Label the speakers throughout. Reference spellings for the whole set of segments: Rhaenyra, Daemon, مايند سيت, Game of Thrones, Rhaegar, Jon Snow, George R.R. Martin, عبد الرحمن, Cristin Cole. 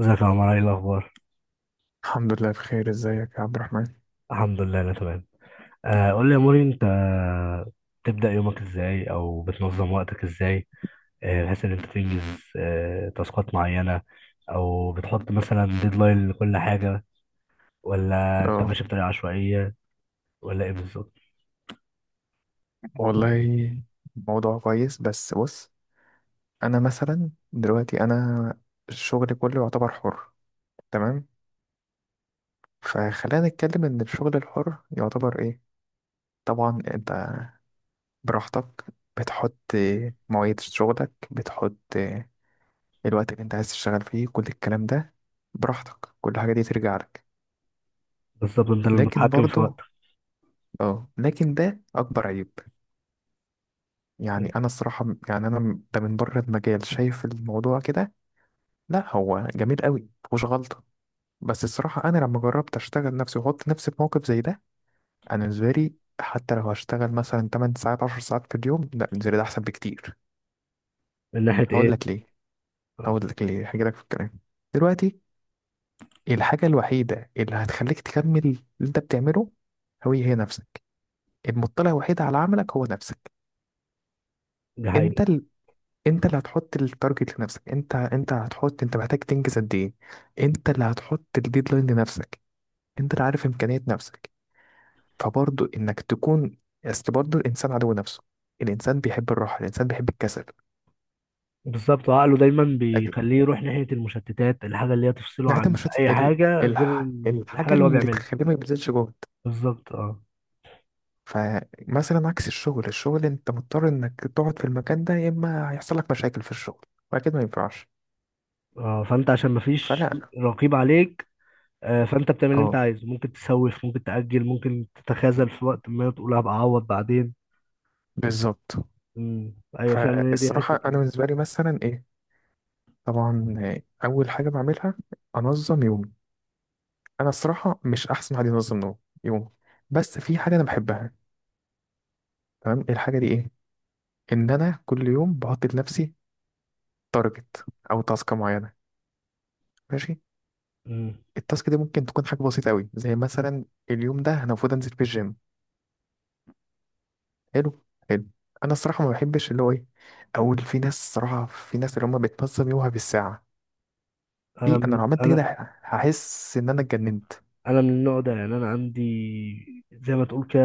Speaker 1: ازيك يا عمر؟ ايه الاخبار؟
Speaker 2: الحمد لله بخير. ازيك يا عبد الرحمن؟
Speaker 1: الحمد لله انا تمام. قول لي يا موري، انت بتبدا يومك ازاي او بتنظم وقتك ازاي؟ بحيث ان انت تنجز تاسكات معينه، او بتحط مثلا ديدلاين لكل حاجه، ولا انت
Speaker 2: اه،
Speaker 1: ماشي بطريقه عشوائيه، ولا ايه بالظبط؟
Speaker 2: والله موضوع كويس، بس بص. انا مثلا دلوقتي، انا الشغل كله يعتبر حر. تمام. فخلينا نتكلم ان الشغل الحر يعتبر ايه. طبعا انت براحتك، بتحط مواعيد شغلك، بتحط الوقت اللي انت عايز تشتغل فيه، كل الكلام ده براحتك، كل حاجة دي ترجع لك.
Speaker 1: بالظبط، انت
Speaker 2: لكن
Speaker 1: المتحكم في
Speaker 2: برضو،
Speaker 1: وقتك.
Speaker 2: اه لكن ده اكبر عيب. يعني انا الصراحه يعني انا ده، من بره المجال، شايف الموضوع كده. لا، هو جميل قوي، مفيهوش غلطه. بس الصراحه انا لما جربت اشتغل نفسي واحط نفسي في موقف زي ده، انا بالنسبه لي حتى لو هشتغل مثلا 8 ساعات 10 ساعات في اليوم، لا، بالنسبه لي ده احسن بكتير.
Speaker 1: من ناحيه
Speaker 2: هقول لك
Speaker 1: ايه؟
Speaker 2: ليه.
Speaker 1: آه،
Speaker 2: هقول لك ليه، هجي لك في الكلام. دلوقتي الحاجه الوحيده اللي هتخليك تكمل اللي انت بتعمله هو هي نفسك. المطلع الوحيد على عملك هو نفسك.
Speaker 1: دي
Speaker 2: انت
Speaker 1: حقيقة.
Speaker 2: انت اللي هتحط التارجت لنفسك. انت هتحط، انت محتاج تنجز قد ايه. انت اللي هتحط الديدلاين لنفسك. انت اللي عارف امكانيات نفسك. فبرضه انك تكون، اصل برضه الانسان عدو نفسه. الانسان بيحب الراحه، الانسان بيحب الكسل.
Speaker 1: بالظبط، عقله دايما
Speaker 2: اكيد.
Speaker 1: بيخليه يروح ناحية المشتتات، الحاجة اللي هي تفصله
Speaker 2: نعتمد
Speaker 1: عن
Speaker 2: مش هت-
Speaker 1: أي
Speaker 2: ال...
Speaker 1: حاجة
Speaker 2: ال...
Speaker 1: غير الحاجة
Speaker 2: الحاجه
Speaker 1: اللي هو
Speaker 2: اللي
Speaker 1: بيعملها.
Speaker 2: تخليه ما يبذلش جهد.
Speaker 1: بالظبط، اه.
Speaker 2: فمثلا عكس الشغل انت مضطر انك تقعد في المكان ده، يا اما هيحصل لك مشاكل في الشغل. واكيد ما ينفعش.
Speaker 1: اه، فانت عشان مفيش
Speaker 2: فلا،
Speaker 1: رقيب عليك. فانت بتعمل اللي انت
Speaker 2: اه،
Speaker 1: عايزه، ممكن تسوف، ممكن تأجل، ممكن تتخاذل في وقت، ما تقول هبقى اعوض بعدين.
Speaker 2: بالظبط.
Speaker 1: امم ايوه فعلا، هي دي حتة
Speaker 2: فالصراحه انا بالنسبه لي مثلا ايه، طبعا، اول حاجه بعملها انظم يومي. انا الصراحه مش احسن حد ينظم يوم. بس في حاجه انا بحبها. تمام، الحاجه دي ايه؟ ان انا كل يوم بحط لنفسي تارجت او تاسك معينه، ماشي.
Speaker 1: امم
Speaker 2: التاسك دي ممكن تكون حاجه بسيطه قوي، زي مثلا اليوم ده انا المفروض انزل في الجيم. حلو، حلو. انا الصراحه ما بحبش اللي هو ايه، اول في ناس، صراحه، في ناس اللي هم بتنظم يومها بالساعه.
Speaker 1: انا
Speaker 2: دي انا
Speaker 1: من
Speaker 2: لو عملت كده
Speaker 1: انا
Speaker 2: هحس ان انا اتجننت.
Speaker 1: انا من النوع ده. يعني انا عندي، زي ما تقول كده،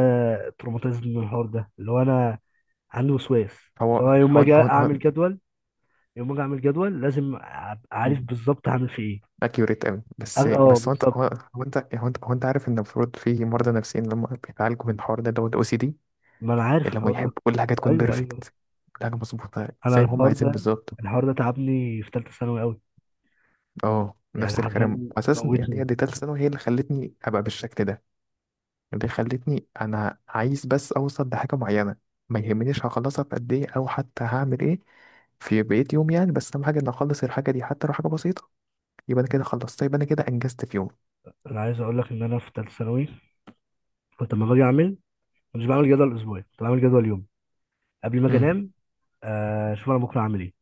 Speaker 1: تروماتيزم من الحوار ده، اللي هو انا عندي وسواس،
Speaker 2: هو
Speaker 1: اللي هو
Speaker 2: هو هو,
Speaker 1: يوم ما اجي اعمل جدول لازم ابقى
Speaker 2: هو...
Speaker 1: عارف بالظبط هعمل في ايه.
Speaker 2: اكيوريت قوي، بس بس هو انت
Speaker 1: بالظبط.
Speaker 2: عارف ان المفروض في مرضى نفسيين لما بيتعالجوا من الحوار ده اللي هو الاو سي دي.
Speaker 1: ما انا عارف
Speaker 2: اللي هم
Speaker 1: الحوار ده.
Speaker 2: يحبوا كل حاجه تكون
Speaker 1: ايوه ايوه.
Speaker 2: بيرفكت، كل حاجه مظبوطه
Speaker 1: انا
Speaker 2: زي ما هم
Speaker 1: الحوار
Speaker 2: عايزين
Speaker 1: ده،
Speaker 2: بالظبط.
Speaker 1: الحوار ده تعبني في ثالثه ثانوي قوي،
Speaker 2: اه،
Speaker 1: يعني
Speaker 2: نفس الكلام
Speaker 1: حرفيا
Speaker 2: اساسا. يعني هي
Speaker 1: موتني.
Speaker 2: دي تالت ثانوي، هي اللي خلتني ابقى بالشكل ده. اللي خلتني انا عايز بس اوصل لحاجه معينه. ما يهمنيش هخلصها في قد ايه او حتى هعمل ايه في بقية يوم. يعني بس اهم حاجه ان اخلص الحاجه دي، حتى لو حاجه بسيطه. يبقى انا كده خلصت، يبقى انا كده انجزت في يوم.
Speaker 1: انا عايز اقول لك ان انا في ثالثه ثانوي كنت لما باجي اعمل، مش بعمل جدول اسبوعي، كنت بعمل جدول يوم قبل ما اجي
Speaker 2: امم.
Speaker 1: انام. اشوف انا بكره هعمل ايه.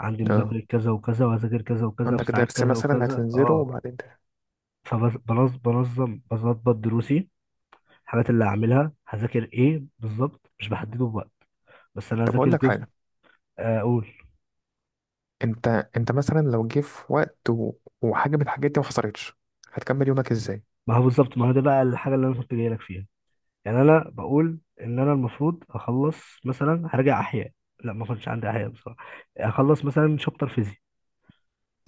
Speaker 1: عندي
Speaker 2: اه،
Speaker 1: مذاكره كذا وكذا، وهذاكر كذا وكذا في
Speaker 2: عندك
Speaker 1: ساعات
Speaker 2: درس
Speaker 1: كذا
Speaker 2: مثلا
Speaker 1: وكذا.
Speaker 2: هتنزله
Speaker 1: اه،
Speaker 2: وبعدين ده.
Speaker 1: فبنظم بظبط دروسي، الحاجات اللي هعملها هذاكر ايه بالظبط، مش بحدده بوقت، بس انا
Speaker 2: طب هقول
Speaker 1: هذاكر
Speaker 2: لك
Speaker 1: جزء.
Speaker 2: حاجة.
Speaker 1: اقول.
Speaker 2: انت انت مثلا لو جه في وقت و... وحاجة من الحاجات دي ما حصلتش، هتكمل يومك ازاي؟
Speaker 1: ما هو بالظبط، ما هو ده بقى الحاجه اللي انا كنت جاي لك فيها. يعني انا بقول ان انا المفروض اخلص، مثلا هرجع احياء، لا ما كنتش عندي احياء بصراحه. اخلص مثلا شابتر فيزياء،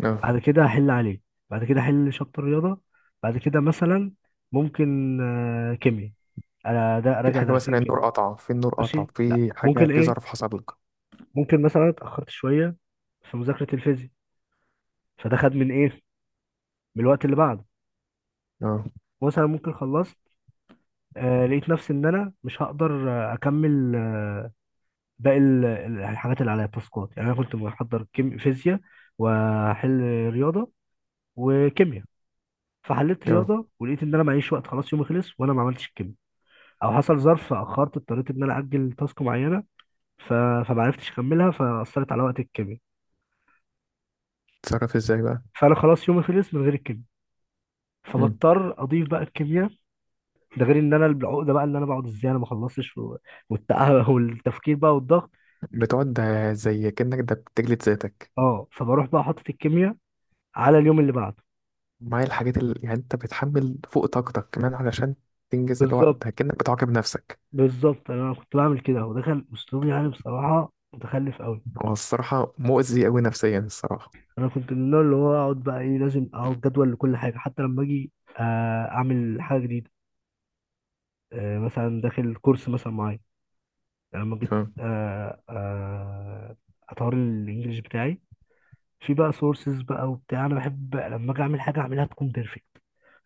Speaker 2: اه،
Speaker 1: بعد كده هحل عليه، بعد كده احل شابتر رياضه، بعد كده مثلا ممكن كيمياء، انا ده
Speaker 2: في
Speaker 1: راجع
Speaker 2: حاجة
Speaker 1: درسين
Speaker 2: مثلا
Speaker 1: كيمياء.
Speaker 2: النور قطع، في النور قطع،
Speaker 1: ماشي، لا
Speaker 2: في حاجة،
Speaker 1: ممكن
Speaker 2: في
Speaker 1: ايه،
Speaker 2: ظرف حصل لك.
Speaker 1: ممكن مثلا اتاخرت شويه في مذاكره الفيزياء، فده خد من ايه، من الوقت اللي بعده.
Speaker 2: اه،
Speaker 1: مثلا ممكن خلصت، لقيت نفسي ان انا مش هقدر اكمل باقي الحاجات اللي عليها التاسكات. يعني انا كنت بحضر كيم فيزياء، واحل رياضه، وكيمياء، فحليت
Speaker 2: اه.
Speaker 1: رياضه ولقيت ان انا معيش وقت، خلاص يومي خلص وانا ما عملتش الكيمياء. او حصل ظرف فاخرت، اضطريت ان انا اجل تاسك معينه، ف... فما عرفتش اكملها، فاثرت على وقت الكيمياء.
Speaker 2: تتصرف ازاي بقى؟
Speaker 1: فانا خلاص يومي خلص من غير الكيمياء،
Speaker 2: مم.
Speaker 1: فبضطر اضيف بقى الكيمياء. ده غير ان انا العقده بقى، اللي انا بقعد ازاي انا ما خلصتش، والتفكير بقى والضغط.
Speaker 2: بتقعد، ده زي كأنك ده بتجلد ذاتك،
Speaker 1: اه، فبروح بقى حاطط الكيمياء على اليوم اللي بعده.
Speaker 2: معايا الحاجات اللي يعني انت بتحمل فوق طاقتك كمان، علشان تنجز الوقت
Speaker 1: بالظبط.
Speaker 2: ده، كأنك بتعاقب نفسك.
Speaker 1: بالظبط، انا كنت بعمل كده، هو دخل اسلوب يعني بصراحه متخلف قوي.
Speaker 2: هو الصراحة مؤذي أوي نفسيا الصراحة.
Speaker 1: انا كنت من النوع اللي هو اقعد بقى ايه، لازم اقعد جدول لكل حاجه، حتى لما اجي اعمل حاجه جديده، مثلا داخل كورس مثلا معايا. يعني لما جيت
Speaker 2: اه.
Speaker 1: اطور الانجليش بتاعي، في بقى سورسز بقى وبتاع، انا بحب لما اجي اعمل حاجه اعملها تكون بيرفكت،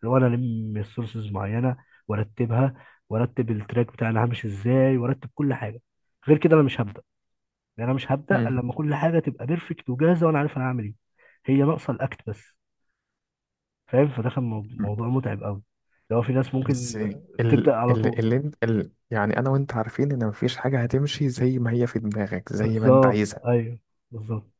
Speaker 1: اللي هو انا الم السورسز معينه، وارتبها، وارتب التراك بتاعنا همشي ازاي، وارتب كل حاجه، غير كده انا مش هبدع. يعني انا مش هبدا الا لما كل حاجه تبقى بيرفكت وجاهزه وانا عارف انا هعمل ايه، هي ناقصه الاكت بس. فاهم؟ فده كان
Speaker 2: مم.
Speaker 1: موضوع متعب قوي. لو في ناس
Speaker 2: بس
Speaker 1: ممكن بتبدا
Speaker 2: ال
Speaker 1: على
Speaker 2: ال
Speaker 1: طول.
Speaker 2: اللي انت ال يعني انا وانت عارفين ان مفيش حاجه هتمشي زي ما هي في دماغك، زي ما انت
Speaker 1: بالظبط.
Speaker 2: عايزها.
Speaker 1: ايوه، بالظبط.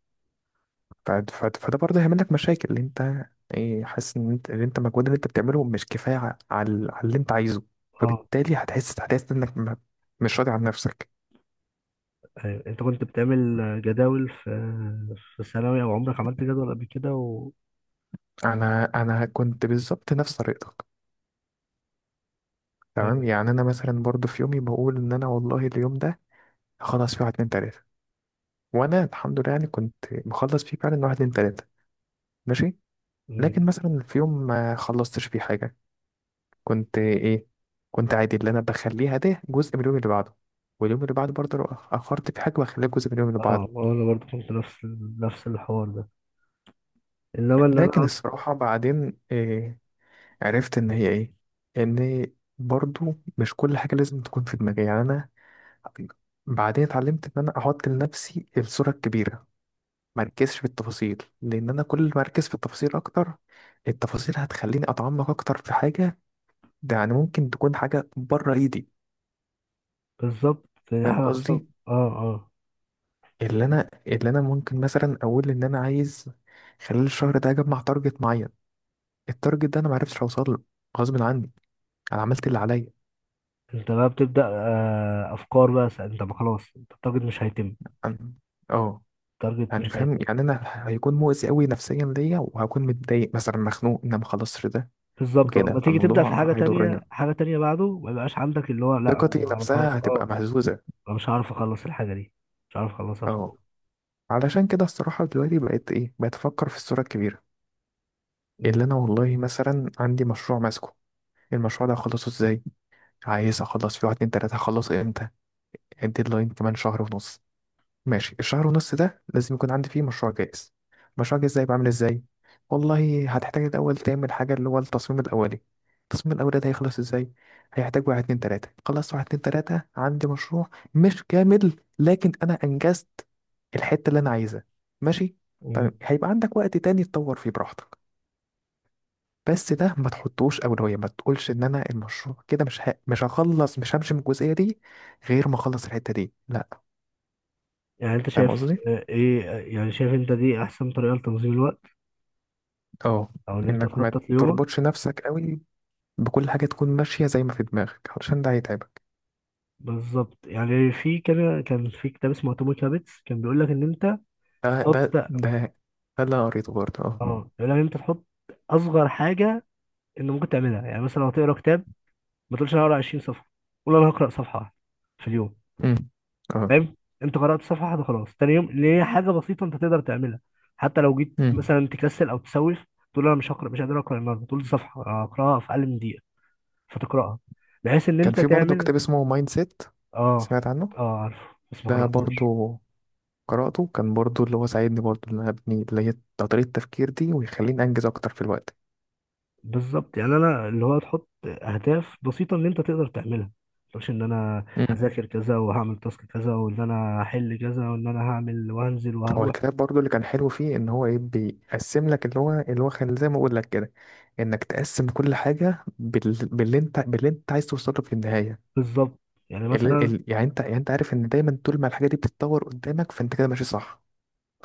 Speaker 2: فده برضه هيعمل لك مشاكل، اللي انت ايه، حاسس ان انت، اللي انت المجهود اللي انت بتعمله مش كفايه على على اللي انت عايزه.
Speaker 1: اه،
Speaker 2: فبالتالي هتحس انك مش راضي عن نفسك.
Speaker 1: ايوه. انت كنت بتعمل جداول في ثانوي، او عمرك عملت جدول قبل كده؟ و،
Speaker 2: انا كنت بالظبط نفس طريقتك. تمام.
Speaker 1: مم.
Speaker 2: يعني انا مثلا برضه في يومي بقول ان انا والله اليوم ده هخلص فيه واحد اتنين تلاته، وانا الحمد لله يعني كنت مخلص فيه فعلا واحد اتنين تلاته، ماشي. لكن
Speaker 1: مم.
Speaker 2: مثلا في يوم ما خلصتش فيه حاجة، كنت ايه؟ كنت عادي، اللي انا بخليها ده جزء من اليوم اللي بعده. واليوم اللي بعده برضه لو اخرت في حاجة بخليها جزء من اليوم اللي
Speaker 1: اه،
Speaker 2: بعده.
Speaker 1: انا برضو كنت نفس نفس الحوار ده، انما ان انا
Speaker 2: لكن
Speaker 1: أقعد-.
Speaker 2: الصراحة بعدين إيه؟ عرفت ان هي ايه، ان برضه مش كل حاجة لازم تكون في دماغي. يعني انا بعدين اتعلمت ان انا احط لنفسي الصورة الكبيرة. مركزش في التفاصيل، لان انا كل ما اركز في التفاصيل اكتر، التفاصيل هتخليني اتعمق اكتر في حاجة، ده يعني ممكن تكون حاجة بره ايدي.
Speaker 1: بالظبط، دي
Speaker 2: فاهم
Speaker 1: حاجه اصلا.
Speaker 2: قصدي؟
Speaker 1: اه، اه.
Speaker 2: اللي انا ممكن مثلا اقول ان انا عايز خلال الشهر ده اجمع تارجت معين، التارجت ده انا ما عرفتش اوصل له، غصب عني، انا عملت اللي عليا.
Speaker 1: انت بقى بتبدا افكار بقى، انت ما خلاص، انت التارجت مش هيتم،
Speaker 2: أم- اه.
Speaker 1: التارجت
Speaker 2: يعني
Speaker 1: مش
Speaker 2: فاهم،
Speaker 1: هيفرق.
Speaker 2: يعني انا هيكون مؤذي قوي نفسيا ليا، وهكون متضايق مثلا، مخنوق ان انا ما خلصتش ده،
Speaker 1: بالظبط، ولما
Speaker 2: وكده
Speaker 1: تيجي تبدأ في
Speaker 2: فالموضوع
Speaker 1: حاجة تانية،
Speaker 2: هيضرني،
Speaker 1: حاجة تانية بعده ما يبقاش عندك اللي هو لا، أنا
Speaker 2: ثقتي
Speaker 1: أنا
Speaker 2: نفسها
Speaker 1: خلاص، أه،
Speaker 2: هتبقى مهزوزه.
Speaker 1: أنا مش هعرف أخلص الحاجة دي، مش هعرف أخلصها في ده.
Speaker 2: اه، علشان كده الصراحه دلوقتي بقيت ايه، بقيت افكر في الصوره الكبيره.
Speaker 1: مم.
Speaker 2: اللي انا، والله مثلا عندي مشروع ماسكه، المشروع ده هخلصه ازاي، عايز اخلص في واحد اتنين تلاتة، هخلص امتى؟ الديدلاين كمان شهر ونص. ماشي. الشهر ونص ده لازم يكون عندي فيه مشروع جاهز. مشروع جاهز ده يبقى عامل ازاي؟ والله هتحتاج الاول تعمل حاجة، اللي هو التصميم الاولي. التصميم الاولي ده هيخلص ازاي؟ هيحتاج واحد اتنين تلاتة. خلصت واحد اتنين تلاتة، عندي مشروع مش كامل، لكن انا انجزت الحتة اللي انا عايزها. ماشي.
Speaker 1: مم.
Speaker 2: طيب هيبقى عندك وقت تاني تطور فيه براحتك. بس ده ما تحطوش اولويه، ما تقولش ان انا المشروع كده مش هخلص، مش همشي من الجزئيه دي غير ما اخلص الحته دي، لا.
Speaker 1: يعني أنت
Speaker 2: فاهم
Speaker 1: شايف
Speaker 2: قصدي،
Speaker 1: إيه، يعني شايف أنت دي أحسن طريقة لتنظيم الوقت،
Speaker 2: اه.
Speaker 1: أو إن أنت
Speaker 2: انك ما
Speaker 1: تخطط ليومك؟
Speaker 2: تربطش نفسك قوي بكل حاجه تكون ماشيه زي ما في دماغك، علشان ده هيتعبك.
Speaker 1: بالظبط. يعني في كان في كتاب اسمه اتوميك هابتس، كان بيقول لك ان انت
Speaker 2: ده ده
Speaker 1: تحط،
Speaker 2: ده ده اللي أنا قريته برضه، اه.
Speaker 1: اه، بيقول لك ان انت تحط اصغر حاجه انت ممكن تعملها. يعني مثلا لو هتقرا كتاب، ما تقولش انا هقرا 20 صفحه، قول انا هقرا صفحه واحدة في اليوم.
Speaker 2: امم. اه.
Speaker 1: فاهم؟ انت قرأت صفحة واحدة خلاص، تاني يوم اللي هي حاجة بسيطة انت تقدر تعملها، حتى لو جيت
Speaker 2: امم.
Speaker 1: مثلا تكسل او تسوف، تقول انا مش هقرأ، مش قادر اقرأ النهارده، تقول دي صفحة اقرأها في اقل من دقيقة، فتقرأها، بحيث ان
Speaker 2: كان
Speaker 1: انت
Speaker 2: في برضه
Speaker 1: تعمل.
Speaker 2: كتاب اسمه مايند سيت،
Speaker 1: اه.
Speaker 2: سمعت عنه.
Speaker 1: اه، عارف، بس ما
Speaker 2: ده
Speaker 1: قرأتوش.
Speaker 2: برضه قرأته، كان برضه اللي هو ساعدني برضه ان انا ابني اللي هي طريقه التفكير دي، ويخليني انجز اكتر في الوقت.
Speaker 1: بالظبط. يعني انا اللي هو تحط اهداف بسيطة ان انت تقدر تعملها، مش ان انا هذاكر كذا، وهعمل تاسك كذا، وان انا هحل كذا، وان انا هعمل وهنزل
Speaker 2: هو
Speaker 1: وهروح.
Speaker 2: الكتاب برضو اللي كان حلو فيه ان هو ايه، بيقسم لك اللي هو كان زي ما اقول لك كده، انك تقسم كل حاجه باللي انت عايز توصله في النهايه.
Speaker 1: بالظبط. يعني مثلا،
Speaker 2: يعني انت عارف ان دايما طول ما الحاجه دي بتتطور قدامك فانت كده ماشي صح.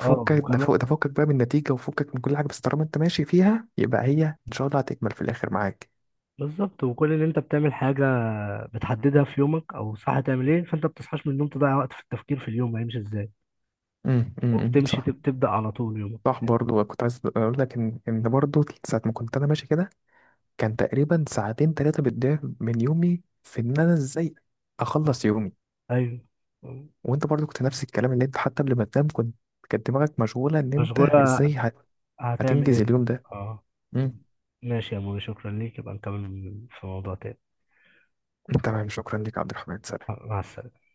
Speaker 1: اه،
Speaker 2: ده فوق
Speaker 1: وكمان
Speaker 2: ده، فكك بقى من النتيجه، وفكك من كل حاجه، بس طالما انت ماشي فيها يبقى هي ان شاء الله هتكمل في الاخر معاك.
Speaker 1: بالظبط، وكل اللي انت بتعمل حاجة بتحددها في يومك او صح تعمل ايه، فانت بتصحاش من النوم تضيع وقت في التفكير في اليوم هيمشي ازاي،
Speaker 2: امم،
Speaker 1: وبتمشي
Speaker 2: صح.
Speaker 1: تبدأ على طول يومك.
Speaker 2: صح، برضو كنت عايز اقول لك ان برضو ساعه ما كنت انا ماشي كده، كان تقريبا ساعتين ثلاثة بتضيع من يومي في إن أنا إزاي أخلص يومي.
Speaker 1: ايوه،
Speaker 2: وأنت برضو كنت نفس الكلام، اللي أنت حتى قبل ما تنام كنت، كانت دماغك مشغولة إن أنت
Speaker 1: مشغولة،
Speaker 2: إزاي
Speaker 1: هتعمل
Speaker 2: هتنجز
Speaker 1: ايه.
Speaker 2: اليوم ده.
Speaker 1: اه.
Speaker 2: مم.
Speaker 1: ماشي يا موري، شكرا ليك، يبقى نكمل في موضوع تاني.
Speaker 2: تمام، شكرا لك يا عبد الرحمن. سلام.
Speaker 1: مع السلامة.